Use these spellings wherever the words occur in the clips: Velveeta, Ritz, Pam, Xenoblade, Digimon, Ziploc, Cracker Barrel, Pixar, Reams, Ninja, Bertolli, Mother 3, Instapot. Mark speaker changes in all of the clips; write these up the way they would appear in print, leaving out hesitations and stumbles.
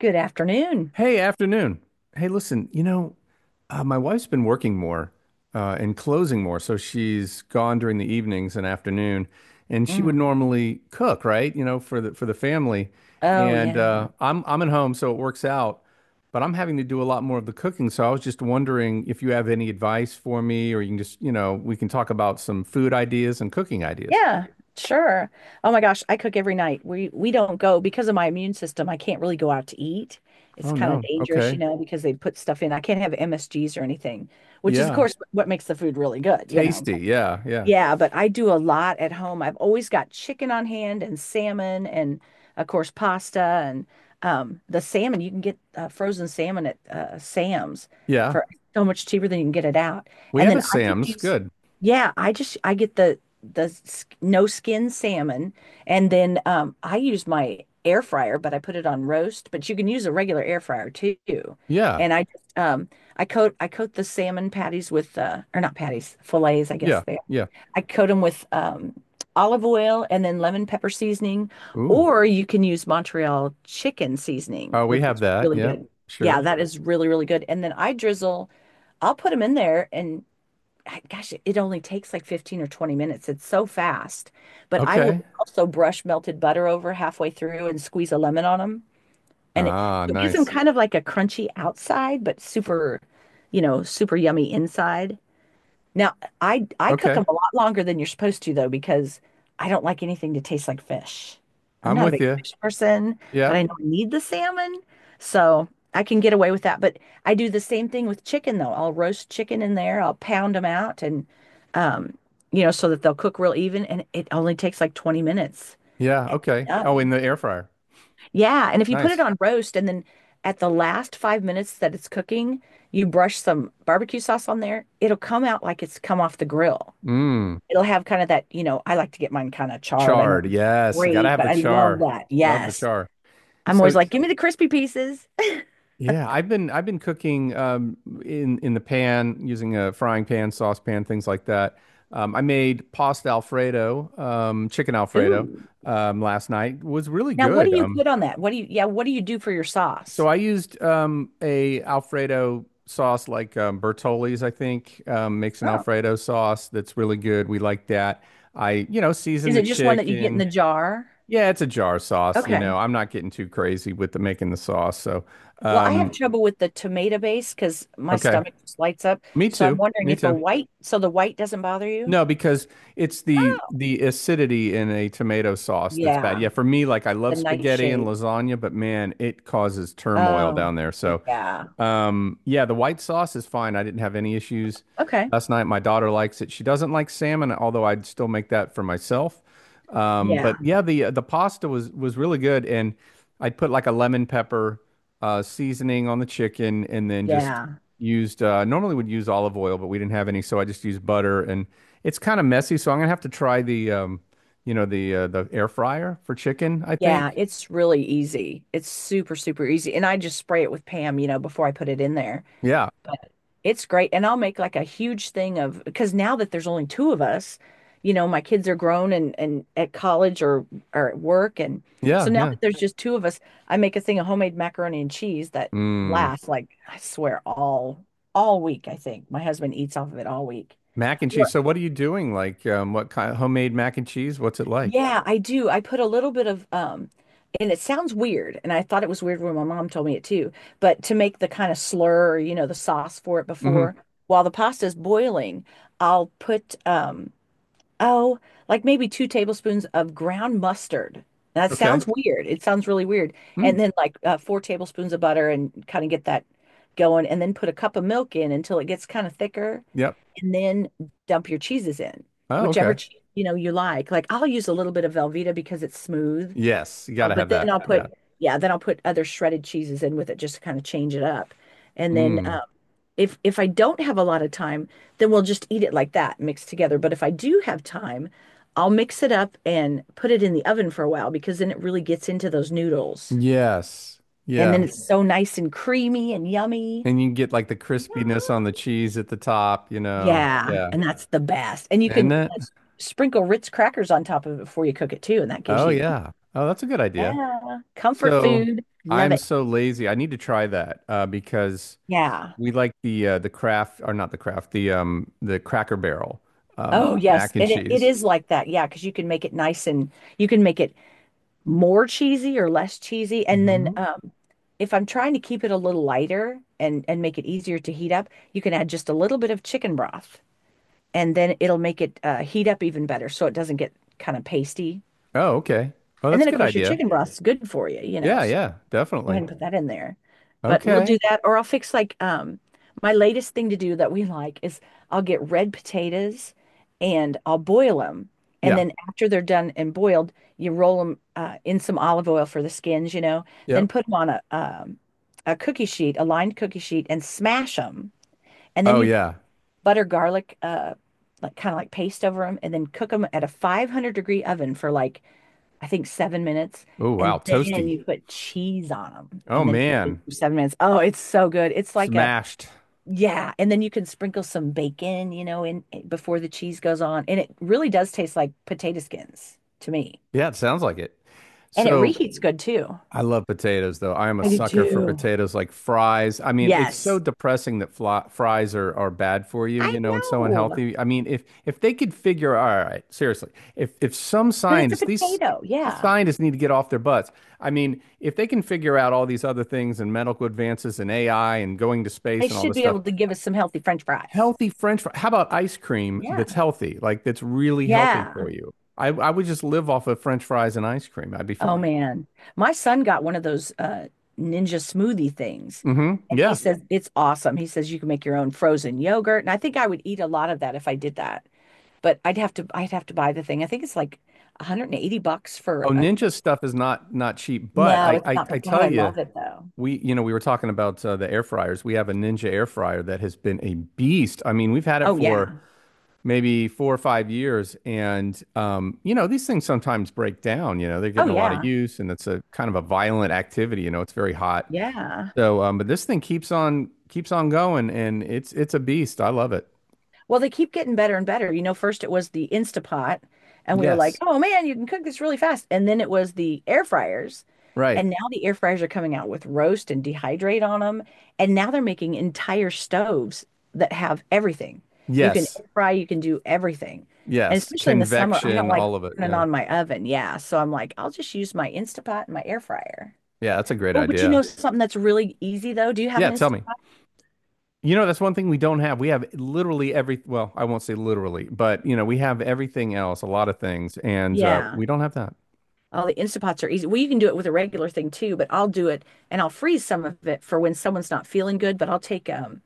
Speaker 1: Good afternoon.
Speaker 2: Hey, afternoon. Hey, listen, you know, my wife's been working more and closing more, so she's gone during the evenings and afternoon, and she would
Speaker 1: Mm.
Speaker 2: normally cook, right? You know, for the family.
Speaker 1: Oh
Speaker 2: And
Speaker 1: yeah.
Speaker 2: uh, I'm at home, so it works out. But I'm having to do a lot more of the cooking, so I was just wondering if you have any advice for me, or you can just, you know, we can talk about some food ideas and cooking ideas.
Speaker 1: Yeah, sure. Oh my gosh, I cook every night. We don't go because of my immune system. I can't really go out to eat. It's
Speaker 2: Oh
Speaker 1: kind of
Speaker 2: no.
Speaker 1: dangerous,
Speaker 2: Okay.
Speaker 1: you know, because they put stuff in. I can't have MSGs or anything, which is of
Speaker 2: Yeah.
Speaker 1: course what makes the food really good, you know.
Speaker 2: Tasty. Yeah. Yeah.
Speaker 1: Yeah, but I do a lot at home. I've always got chicken on hand and salmon and of course pasta and the salmon you can get frozen salmon at Sam's
Speaker 2: Yeah.
Speaker 1: for so much cheaper than you can get it out.
Speaker 2: We
Speaker 1: And
Speaker 2: have
Speaker 1: then
Speaker 2: a
Speaker 1: I just
Speaker 2: Sam's. Good.
Speaker 1: I just I get the no skin salmon and then I use my air fryer, but I put it on roast, but you can use a regular air fryer too.
Speaker 2: Yeah.
Speaker 1: And I just I coat the salmon patties with or not patties, fillets, I guess
Speaker 2: Yeah.
Speaker 1: they
Speaker 2: Yeah.
Speaker 1: I coat them with olive oil and then lemon pepper seasoning,
Speaker 2: Ooh.
Speaker 1: or you can use Montreal chicken seasoning,
Speaker 2: Oh, we
Speaker 1: which
Speaker 2: have
Speaker 1: is
Speaker 2: that.
Speaker 1: really
Speaker 2: Yeah.
Speaker 1: good. Yeah,
Speaker 2: Sure.
Speaker 1: that is really, really good. And then I drizzle, I'll put them in there and gosh, it only takes like 15 or 20 minutes. It's so fast. But I will
Speaker 2: Okay.
Speaker 1: also brush melted butter over halfway through and squeeze a lemon on them. And it,
Speaker 2: Ah,
Speaker 1: it gives them
Speaker 2: nice.
Speaker 1: kind of like a crunchy outside, but super, you know, super yummy inside. Now, I cook
Speaker 2: Okay.
Speaker 1: them a lot longer than you're supposed to though because I don't like anything to taste like fish. I'm
Speaker 2: I'm
Speaker 1: not a
Speaker 2: with
Speaker 1: big
Speaker 2: you.
Speaker 1: fish person, but I
Speaker 2: Yep.
Speaker 1: know I need the salmon, so I can get away with that. But I do the same thing with chicken though. I'll roast chicken in there, I'll pound them out and um, you know, so that they'll cook real even and it only takes like 20 minutes.
Speaker 2: Yeah.
Speaker 1: And it's
Speaker 2: Okay. Oh, in
Speaker 1: done.
Speaker 2: the air fryer.
Speaker 1: Yeah, and if you put it
Speaker 2: Nice.
Speaker 1: on roast and then at the last 5 minutes that it's cooking, you brush some barbecue sauce on there, it'll come out like it's come off the grill.
Speaker 2: Mmm.
Speaker 1: It'll have kind of that, you know, I like to get mine kind of charred. I know
Speaker 2: Chard.
Speaker 1: it's not
Speaker 2: Yes. You gotta
Speaker 1: great,
Speaker 2: have
Speaker 1: but
Speaker 2: the
Speaker 1: I love
Speaker 2: char.
Speaker 1: that.
Speaker 2: Love the
Speaker 1: Yes.
Speaker 2: char.
Speaker 1: I'm
Speaker 2: So
Speaker 1: always like, give me the crispy pieces.
Speaker 2: yeah, I've been cooking in the pan using a frying pan, saucepan, things like that. I made pasta Alfredo, chicken Alfredo,
Speaker 1: Ooh.
Speaker 2: last night. It was really
Speaker 1: Now, what do
Speaker 2: good.
Speaker 1: you put on that? What do you, yeah, what do you do for your
Speaker 2: So
Speaker 1: sauce?
Speaker 2: I used a Alfredo sauce like Bertolli's, I think, makes an
Speaker 1: Oh,
Speaker 2: Alfredo sauce that's really good. We like that. I, you know, season
Speaker 1: is
Speaker 2: the
Speaker 1: it just one that you get in the
Speaker 2: chicken.
Speaker 1: jar?
Speaker 2: Yeah, it's a jar sauce. You know,
Speaker 1: Okay.
Speaker 2: I'm not getting too crazy with the making the sauce. So,
Speaker 1: Well, I have
Speaker 2: um,
Speaker 1: trouble with the tomato base because my
Speaker 2: okay,
Speaker 1: stomach just lights up.
Speaker 2: me
Speaker 1: So I'm
Speaker 2: too,
Speaker 1: wondering
Speaker 2: me
Speaker 1: if a
Speaker 2: too.
Speaker 1: white, so the white doesn't bother you?
Speaker 2: No, because it's the
Speaker 1: Oh,
Speaker 2: the acidity in a tomato sauce that's bad. Yeah,
Speaker 1: yeah.
Speaker 2: for me, like I
Speaker 1: The
Speaker 2: love spaghetti and
Speaker 1: nightshade.
Speaker 2: lasagna, but man, it causes turmoil down
Speaker 1: Oh,
Speaker 2: there. So.
Speaker 1: yeah.
Speaker 2: Yeah, the white sauce is fine. I didn't have any issues
Speaker 1: Okay.
Speaker 2: last night. My daughter likes it. She doesn't like salmon, although I'd still make that for myself. But
Speaker 1: Yeah.
Speaker 2: yeah, the pasta was really good, and I'd put like a lemon pepper seasoning on the chicken, and then just
Speaker 1: Yeah.
Speaker 2: used normally would use olive oil, but we didn't have any, so I just used butter. And it's kind of messy, so I'm gonna have to try the you know, the air fryer for chicken, I
Speaker 1: Yeah,
Speaker 2: think.
Speaker 1: it's really easy. It's super, super easy. And I just spray it with Pam, you know, before I put it in there.
Speaker 2: Yeah,
Speaker 1: But it's great. And I'll make like a huge thing of because now that there's only two of us, you know, my kids are grown and at college or at work. And so
Speaker 2: yeah,
Speaker 1: now
Speaker 2: yeah.
Speaker 1: that there's just two of us, I make a thing of homemade macaroni and cheese that
Speaker 2: Mm.
Speaker 1: lasts like I swear all week, I think. My husband eats off of it all week.
Speaker 2: Mac and cheese. So what are you doing? Like, what kind of homemade mac and cheese? What's it like?
Speaker 1: Yeah, I do. I put a little bit of and it sounds weird, and I thought it was weird when my mom told me it too, but to make the kind of slur, you know, the sauce for it
Speaker 2: Hmm.
Speaker 1: before while the pasta is boiling, I'll put oh, like maybe 2 tablespoons of ground mustard. That
Speaker 2: Okay.
Speaker 1: sounds weird. It sounds really weird. And
Speaker 2: Mm.
Speaker 1: then like 4 tablespoons of butter and kind of get that going and then put a cup of milk in until it gets kind of thicker
Speaker 2: Yep.
Speaker 1: and then dump your cheeses in,
Speaker 2: Oh,
Speaker 1: whichever
Speaker 2: okay.
Speaker 1: cheese you know you like. Like I'll use a little bit of Velveeta because it's smooth.
Speaker 2: Yes, you
Speaker 1: Oh,
Speaker 2: gotta
Speaker 1: but
Speaker 2: have
Speaker 1: then
Speaker 2: that. Yeah.
Speaker 1: then I'll put other shredded cheeses in with it just to kind of change it up. And then
Speaker 2: Mm.
Speaker 1: if I don't have a lot of time, then we'll just eat it like that, mixed together. But if I do have time, I'll mix it up and put it in the oven for a while because then it really gets into those noodles.
Speaker 2: Yes.
Speaker 1: And then
Speaker 2: Yeah.
Speaker 1: it's so nice and creamy and yummy.
Speaker 2: And you can get like the crispiness on the cheese at the top, you know.
Speaker 1: Yeah,
Speaker 2: Yeah.
Speaker 1: and that's the best. And you can
Speaker 2: Isn't it?
Speaker 1: sprinkle Ritz crackers on top of it before you cook it too, and that gives
Speaker 2: Oh
Speaker 1: you,
Speaker 2: yeah. Oh, that's a good idea.
Speaker 1: yeah, comfort
Speaker 2: So
Speaker 1: food. Love
Speaker 2: I'm
Speaker 1: it.
Speaker 2: so lazy. I need to try that because
Speaker 1: Yeah.
Speaker 2: we like the craft or not the craft, the Cracker Barrel
Speaker 1: Oh, yes.
Speaker 2: mac and
Speaker 1: And it
Speaker 2: cheese.
Speaker 1: is like that. Yeah, because you can make it nice and you can make it more cheesy or less cheesy. And then
Speaker 2: Mm-hmm.
Speaker 1: if I'm trying to keep it a little lighter and make it easier to heat up, you can add just a little bit of chicken broth and then it'll make it heat up even better so it doesn't get kind of pasty.
Speaker 2: Oh, okay. Oh,
Speaker 1: And
Speaker 2: that's a
Speaker 1: then of
Speaker 2: good
Speaker 1: course your
Speaker 2: idea.
Speaker 1: chicken broth's good for you, you know.
Speaker 2: Yeah, yeah,
Speaker 1: Go ahead
Speaker 2: definitely.
Speaker 1: and put that in there. But we'll do
Speaker 2: Okay.
Speaker 1: that, or I'll fix like my latest thing to do that we like is I'll get red potatoes and I'll boil them. And
Speaker 2: Yeah.
Speaker 1: then after they're done and boiled, you roll them in some olive oil for the skins, you know, then
Speaker 2: Yep.
Speaker 1: put them on a cookie sheet, a lined cookie sheet, and smash them. And then
Speaker 2: Oh,
Speaker 1: you put
Speaker 2: yeah.
Speaker 1: butter garlic, like kind of like paste over them, and then cook them at a 500-degree oven for like I think 7 minutes,
Speaker 2: Oh, wow.
Speaker 1: and then
Speaker 2: Toasty.
Speaker 1: you put cheese on them,
Speaker 2: Oh,
Speaker 1: and then put it in
Speaker 2: man.
Speaker 1: for 7 minutes. Oh, it's so good. It's like a
Speaker 2: Smashed.
Speaker 1: yeah, and then you can sprinkle some bacon, you know, in before the cheese goes on, and it really does taste like potato skins to me,
Speaker 2: Yeah, it sounds like it.
Speaker 1: and it
Speaker 2: So,
Speaker 1: reheats good too.
Speaker 2: I love potatoes though. I am a
Speaker 1: I do
Speaker 2: sucker for
Speaker 1: too.
Speaker 2: potatoes like fries. I mean, it's so
Speaker 1: Yes,
Speaker 2: depressing that fries are bad for you,
Speaker 1: I
Speaker 2: you know, and so
Speaker 1: know
Speaker 2: unhealthy. I mean, if they could figure, all right, seriously, if some
Speaker 1: because it's a
Speaker 2: scientists, these
Speaker 1: potato.
Speaker 2: these
Speaker 1: Yeah,
Speaker 2: scientists need to get off their butts. I mean, if they can figure out all these other things and medical advances and AI and going to
Speaker 1: they
Speaker 2: space and all
Speaker 1: should
Speaker 2: this
Speaker 1: be
Speaker 2: stuff,
Speaker 1: able to give us some healthy French fries.
Speaker 2: healthy French fries. How about ice cream that's
Speaker 1: Yeah,
Speaker 2: healthy, like that's really healthy for
Speaker 1: yeah.
Speaker 2: you? I would just live off of French fries and ice cream. I'd be
Speaker 1: Oh
Speaker 2: fine.
Speaker 1: man. My son got one of those ninja smoothie things
Speaker 2: Mm-hmm.
Speaker 1: and he
Speaker 2: Yeah.
Speaker 1: says it's awesome. He says you can make your own frozen yogurt and I think I would eat a lot of that if I did that. But I'd have to buy the thing. I think it's like $180
Speaker 2: Oh,
Speaker 1: for a
Speaker 2: Ninja
Speaker 1: thing.
Speaker 2: stuff is not cheap, but
Speaker 1: No,
Speaker 2: I
Speaker 1: it's
Speaker 2: I,
Speaker 1: not,
Speaker 2: I
Speaker 1: but God,
Speaker 2: tell
Speaker 1: I
Speaker 2: you,
Speaker 1: love it though.
Speaker 2: we you know we were talking about the air fryers. We have a Ninja air fryer that has been a beast. I mean, we've had it
Speaker 1: Oh
Speaker 2: for
Speaker 1: yeah.
Speaker 2: maybe 4 or 5 years, and you know these things sometimes break down. You know they're
Speaker 1: Oh
Speaker 2: getting a lot of
Speaker 1: yeah.
Speaker 2: use, and it's a kind of a violent activity. You know it's very hot.
Speaker 1: Yeah.
Speaker 2: So, but this thing keeps on going, and it's a beast. I love it.
Speaker 1: Well, they keep getting better and better. You know, first it was the Instapot, and we were like,
Speaker 2: Yes,
Speaker 1: oh man, you can cook this really fast. And then it was the air fryers.
Speaker 2: right.
Speaker 1: And now the air fryers are coming out with roast and dehydrate on them. And now they're making entire stoves that have everything. You can
Speaker 2: Yes,
Speaker 1: air fry, you can do everything. And
Speaker 2: yes.
Speaker 1: especially in the summer, I don't
Speaker 2: Convection,
Speaker 1: like yeah,
Speaker 2: all of it.
Speaker 1: turning
Speaker 2: Yeah,
Speaker 1: on my oven. Yeah. So I'm like, I'll just use my Instapot and my air fryer.
Speaker 2: yeah. That's a great
Speaker 1: Oh, but you
Speaker 2: idea.
Speaker 1: know something that's really easy though? Do you have
Speaker 2: Yeah,
Speaker 1: an
Speaker 2: tell me.
Speaker 1: Instapot?
Speaker 2: You know, that's one thing we don't have. We have literally every, well, I won't say literally, but you know, we have everything else, a lot of things, and
Speaker 1: Yeah.
Speaker 2: we don't have that.
Speaker 1: Oh, the instant pots are easy. Well, you can do it with a regular thing too, but I'll do it and I'll freeze some of it for when someone's not feeling good. But I'll take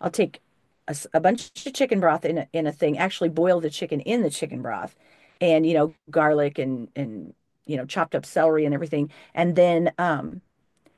Speaker 1: I'll take a, a bunch of chicken broth in a thing. Actually, boil the chicken in the chicken broth, and you know, garlic and you know, chopped up celery and everything. And then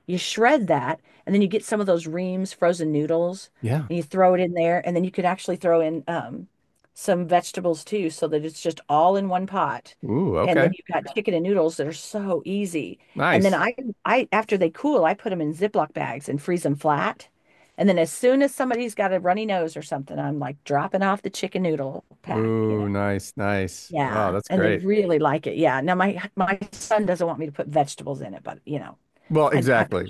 Speaker 1: you shred that, and then you get some of those Reams frozen noodles,
Speaker 2: Yeah.
Speaker 1: and you throw it in there, and then you could actually throw in some vegetables too, so that it's just all in one pot.
Speaker 2: Ooh,
Speaker 1: And
Speaker 2: okay.
Speaker 1: then you've got chicken and noodles that are so easy. And then
Speaker 2: Nice.
Speaker 1: I after they cool, I put them in Ziploc bags and freeze them flat. And then as soon as somebody's got a runny nose or something, I'm like dropping off the chicken noodle pack, you know.
Speaker 2: Ooh, nice, nice. Oh,
Speaker 1: Yeah,
Speaker 2: that's
Speaker 1: and they
Speaker 2: great.
Speaker 1: really like it. Yeah. Now my son doesn't want me to put vegetables in it, but you know,
Speaker 2: Well,
Speaker 1: I
Speaker 2: exactly.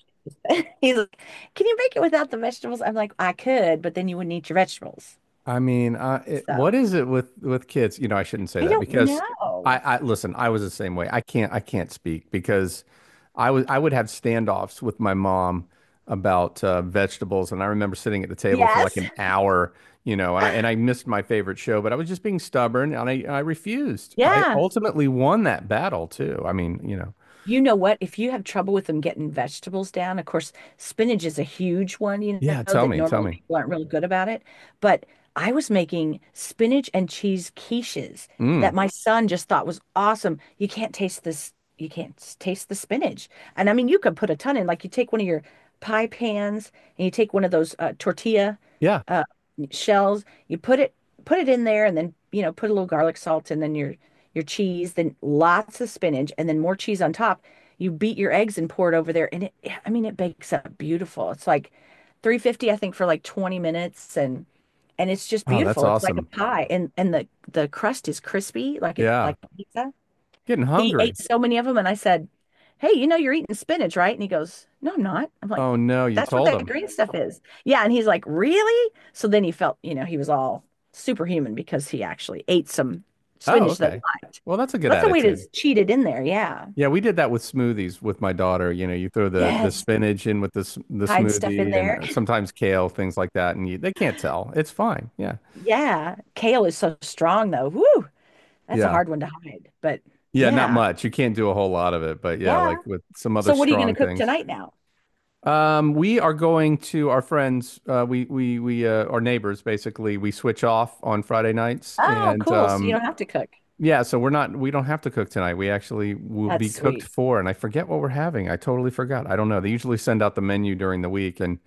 Speaker 1: he's like, can you make it without the vegetables? I'm like, I could, but then you wouldn't eat your vegetables.
Speaker 2: I mean, what
Speaker 1: So
Speaker 2: is it with kids? You know, I shouldn't say
Speaker 1: I
Speaker 2: that
Speaker 1: don't
Speaker 2: because I,
Speaker 1: know.
Speaker 2: I listen. I was the same way. I can't speak because I would have standoffs with my mom about vegetables, and I remember sitting at the table for like
Speaker 1: Yes.
Speaker 2: an hour, you know, and I missed my favorite show, but I was just being stubborn, and I refused. I
Speaker 1: Yeah.
Speaker 2: ultimately won that battle too. I mean, you know,
Speaker 1: You know what? If you have trouble with them getting vegetables down, of course, spinach is a huge one, you
Speaker 2: yeah.
Speaker 1: know,
Speaker 2: Tell
Speaker 1: that
Speaker 2: me, tell
Speaker 1: normally
Speaker 2: me.
Speaker 1: people aren't really good about it. But I was making spinach and cheese quiches
Speaker 2: Mm,
Speaker 1: that my son just thought was awesome. You can't taste this, you can't taste the spinach. And I mean, you could put a ton in, like you take one of your pie pans and you take one of those tortilla
Speaker 2: yeah.
Speaker 1: uh, shells, put it in there and then, you know, put a little garlic salt and then your cheese, then lots of spinach, and then more cheese on top. You beat your eggs and pour it over there. And it, I mean, it bakes up beautiful. It's like 350, I think, for like 20 minutes and it's just
Speaker 2: Oh, that's
Speaker 1: beautiful. It's like a
Speaker 2: awesome.
Speaker 1: pie and and the crust is crispy like it
Speaker 2: Yeah.
Speaker 1: like pizza.
Speaker 2: Getting
Speaker 1: He
Speaker 2: hungry.
Speaker 1: ate so many of them, and I said, "Hey, you know you're eating spinach, right?" And he goes, "No, I'm not." I'm like,
Speaker 2: Oh no, you
Speaker 1: "That's what
Speaker 2: told
Speaker 1: that
Speaker 2: him.
Speaker 1: green stuff is." Yeah, and he's like, "Really?" So then he felt, you know, he was all superhuman because he actually ate some
Speaker 2: Oh,
Speaker 1: spinach that he
Speaker 2: okay.
Speaker 1: liked.
Speaker 2: Well, that's a good
Speaker 1: That's a way to
Speaker 2: attitude.
Speaker 1: cheat it in there. Yeah.
Speaker 2: Yeah, we did that with smoothies with my daughter. You know, you throw the the
Speaker 1: Yes,
Speaker 2: spinach in with the the
Speaker 1: hide stuff in
Speaker 2: smoothie and
Speaker 1: there.
Speaker 2: sometimes kale, things like that, and you, they can't tell. It's fine. Yeah.
Speaker 1: Yeah, kale is so strong though. Whoo, that's a
Speaker 2: Yeah.
Speaker 1: hard one to hide. But
Speaker 2: Yeah, not
Speaker 1: yeah,
Speaker 2: much. You can't do a whole lot of it, but yeah,
Speaker 1: yeah.
Speaker 2: like with some other
Speaker 1: So what are you going to
Speaker 2: strong
Speaker 1: cook
Speaker 2: things.
Speaker 1: tonight now?
Speaker 2: We are going to our friends, we our neighbors basically. We switch off on Friday nights
Speaker 1: Oh,
Speaker 2: and
Speaker 1: cool. So you
Speaker 2: um.
Speaker 1: don't have to cook.
Speaker 2: Yeah, so we're not, we don't have to cook tonight. We actually will
Speaker 1: That's
Speaker 2: be cooked
Speaker 1: sweet.
Speaker 2: for, and I forget what we're having. I totally forgot. I don't know. They usually send out the menu during the week, and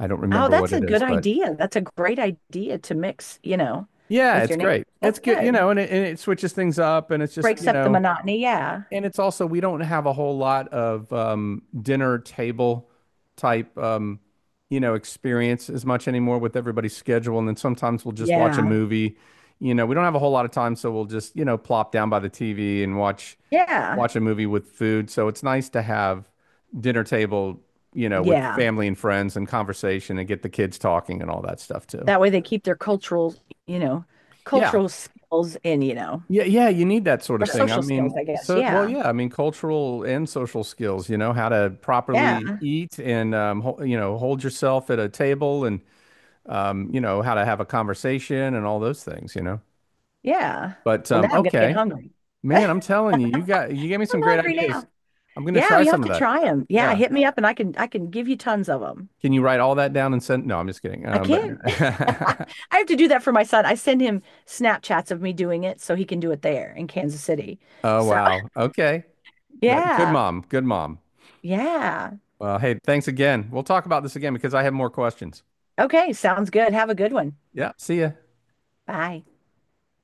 Speaker 2: I don't
Speaker 1: Oh,
Speaker 2: remember what
Speaker 1: that's a
Speaker 2: it
Speaker 1: good
Speaker 2: is, but
Speaker 1: idea. That's a great idea to mix, you know,
Speaker 2: yeah,
Speaker 1: with
Speaker 2: it's
Speaker 1: your neighbors.
Speaker 2: great. It's
Speaker 1: That's
Speaker 2: good, you
Speaker 1: good.
Speaker 2: know, and it switches things up, and it's just,
Speaker 1: Breaks
Speaker 2: you
Speaker 1: up the
Speaker 2: know,
Speaker 1: monotony. Yeah.
Speaker 2: and it's also, we don't have a whole lot of dinner table type, you know, experience as much anymore with everybody's schedule. And then sometimes we'll just watch a
Speaker 1: Yeah.
Speaker 2: movie. You know, we don't have a whole lot of time, so we'll just, you know, plop down by the TV and watch
Speaker 1: Yeah.
Speaker 2: watch a movie with food. So it's nice to have dinner table, you know, with
Speaker 1: Yeah.
Speaker 2: family and friends and conversation and get the kids talking and all that stuff too.
Speaker 1: That way they keep their cultural, you know,
Speaker 2: Yeah.
Speaker 1: cultural skills in, you know,
Speaker 2: Yeah, yeah, you need that sort
Speaker 1: or
Speaker 2: of thing. I
Speaker 1: social skills,
Speaker 2: mean,
Speaker 1: I guess.
Speaker 2: so well,
Speaker 1: Yeah.
Speaker 2: yeah, I mean, cultural and social skills, you know, how to properly
Speaker 1: Yeah.
Speaker 2: eat and ho you know, hold yourself at a table and you know, how to have a conversation and all those things, you know.
Speaker 1: Yeah.
Speaker 2: But
Speaker 1: Well, now I'm gonna get
Speaker 2: okay,
Speaker 1: hungry.
Speaker 2: man, I'm telling you, you got you gave me
Speaker 1: I'm
Speaker 2: some great
Speaker 1: hungry
Speaker 2: ideas.
Speaker 1: now.
Speaker 2: I'm gonna
Speaker 1: Yeah,
Speaker 2: try
Speaker 1: you have
Speaker 2: some of
Speaker 1: to
Speaker 2: that.
Speaker 1: try them. Yeah,
Speaker 2: Yeah.
Speaker 1: hit me up and I can give you tons of them.
Speaker 2: Can you write all that down and send? No, I'm just kidding.
Speaker 1: I
Speaker 2: But
Speaker 1: can't. I have to do that for my son. I send him Snapchats of me doing it so he can do it there in Kansas City.
Speaker 2: oh
Speaker 1: So,
Speaker 2: wow, okay, that- good
Speaker 1: yeah.
Speaker 2: mom, good mom.
Speaker 1: Yeah.
Speaker 2: Well, hey, thanks again. We'll talk about this again because I have more questions.
Speaker 1: Okay. Sounds good. Have a good one.
Speaker 2: Yeah, see ya.
Speaker 1: Bye.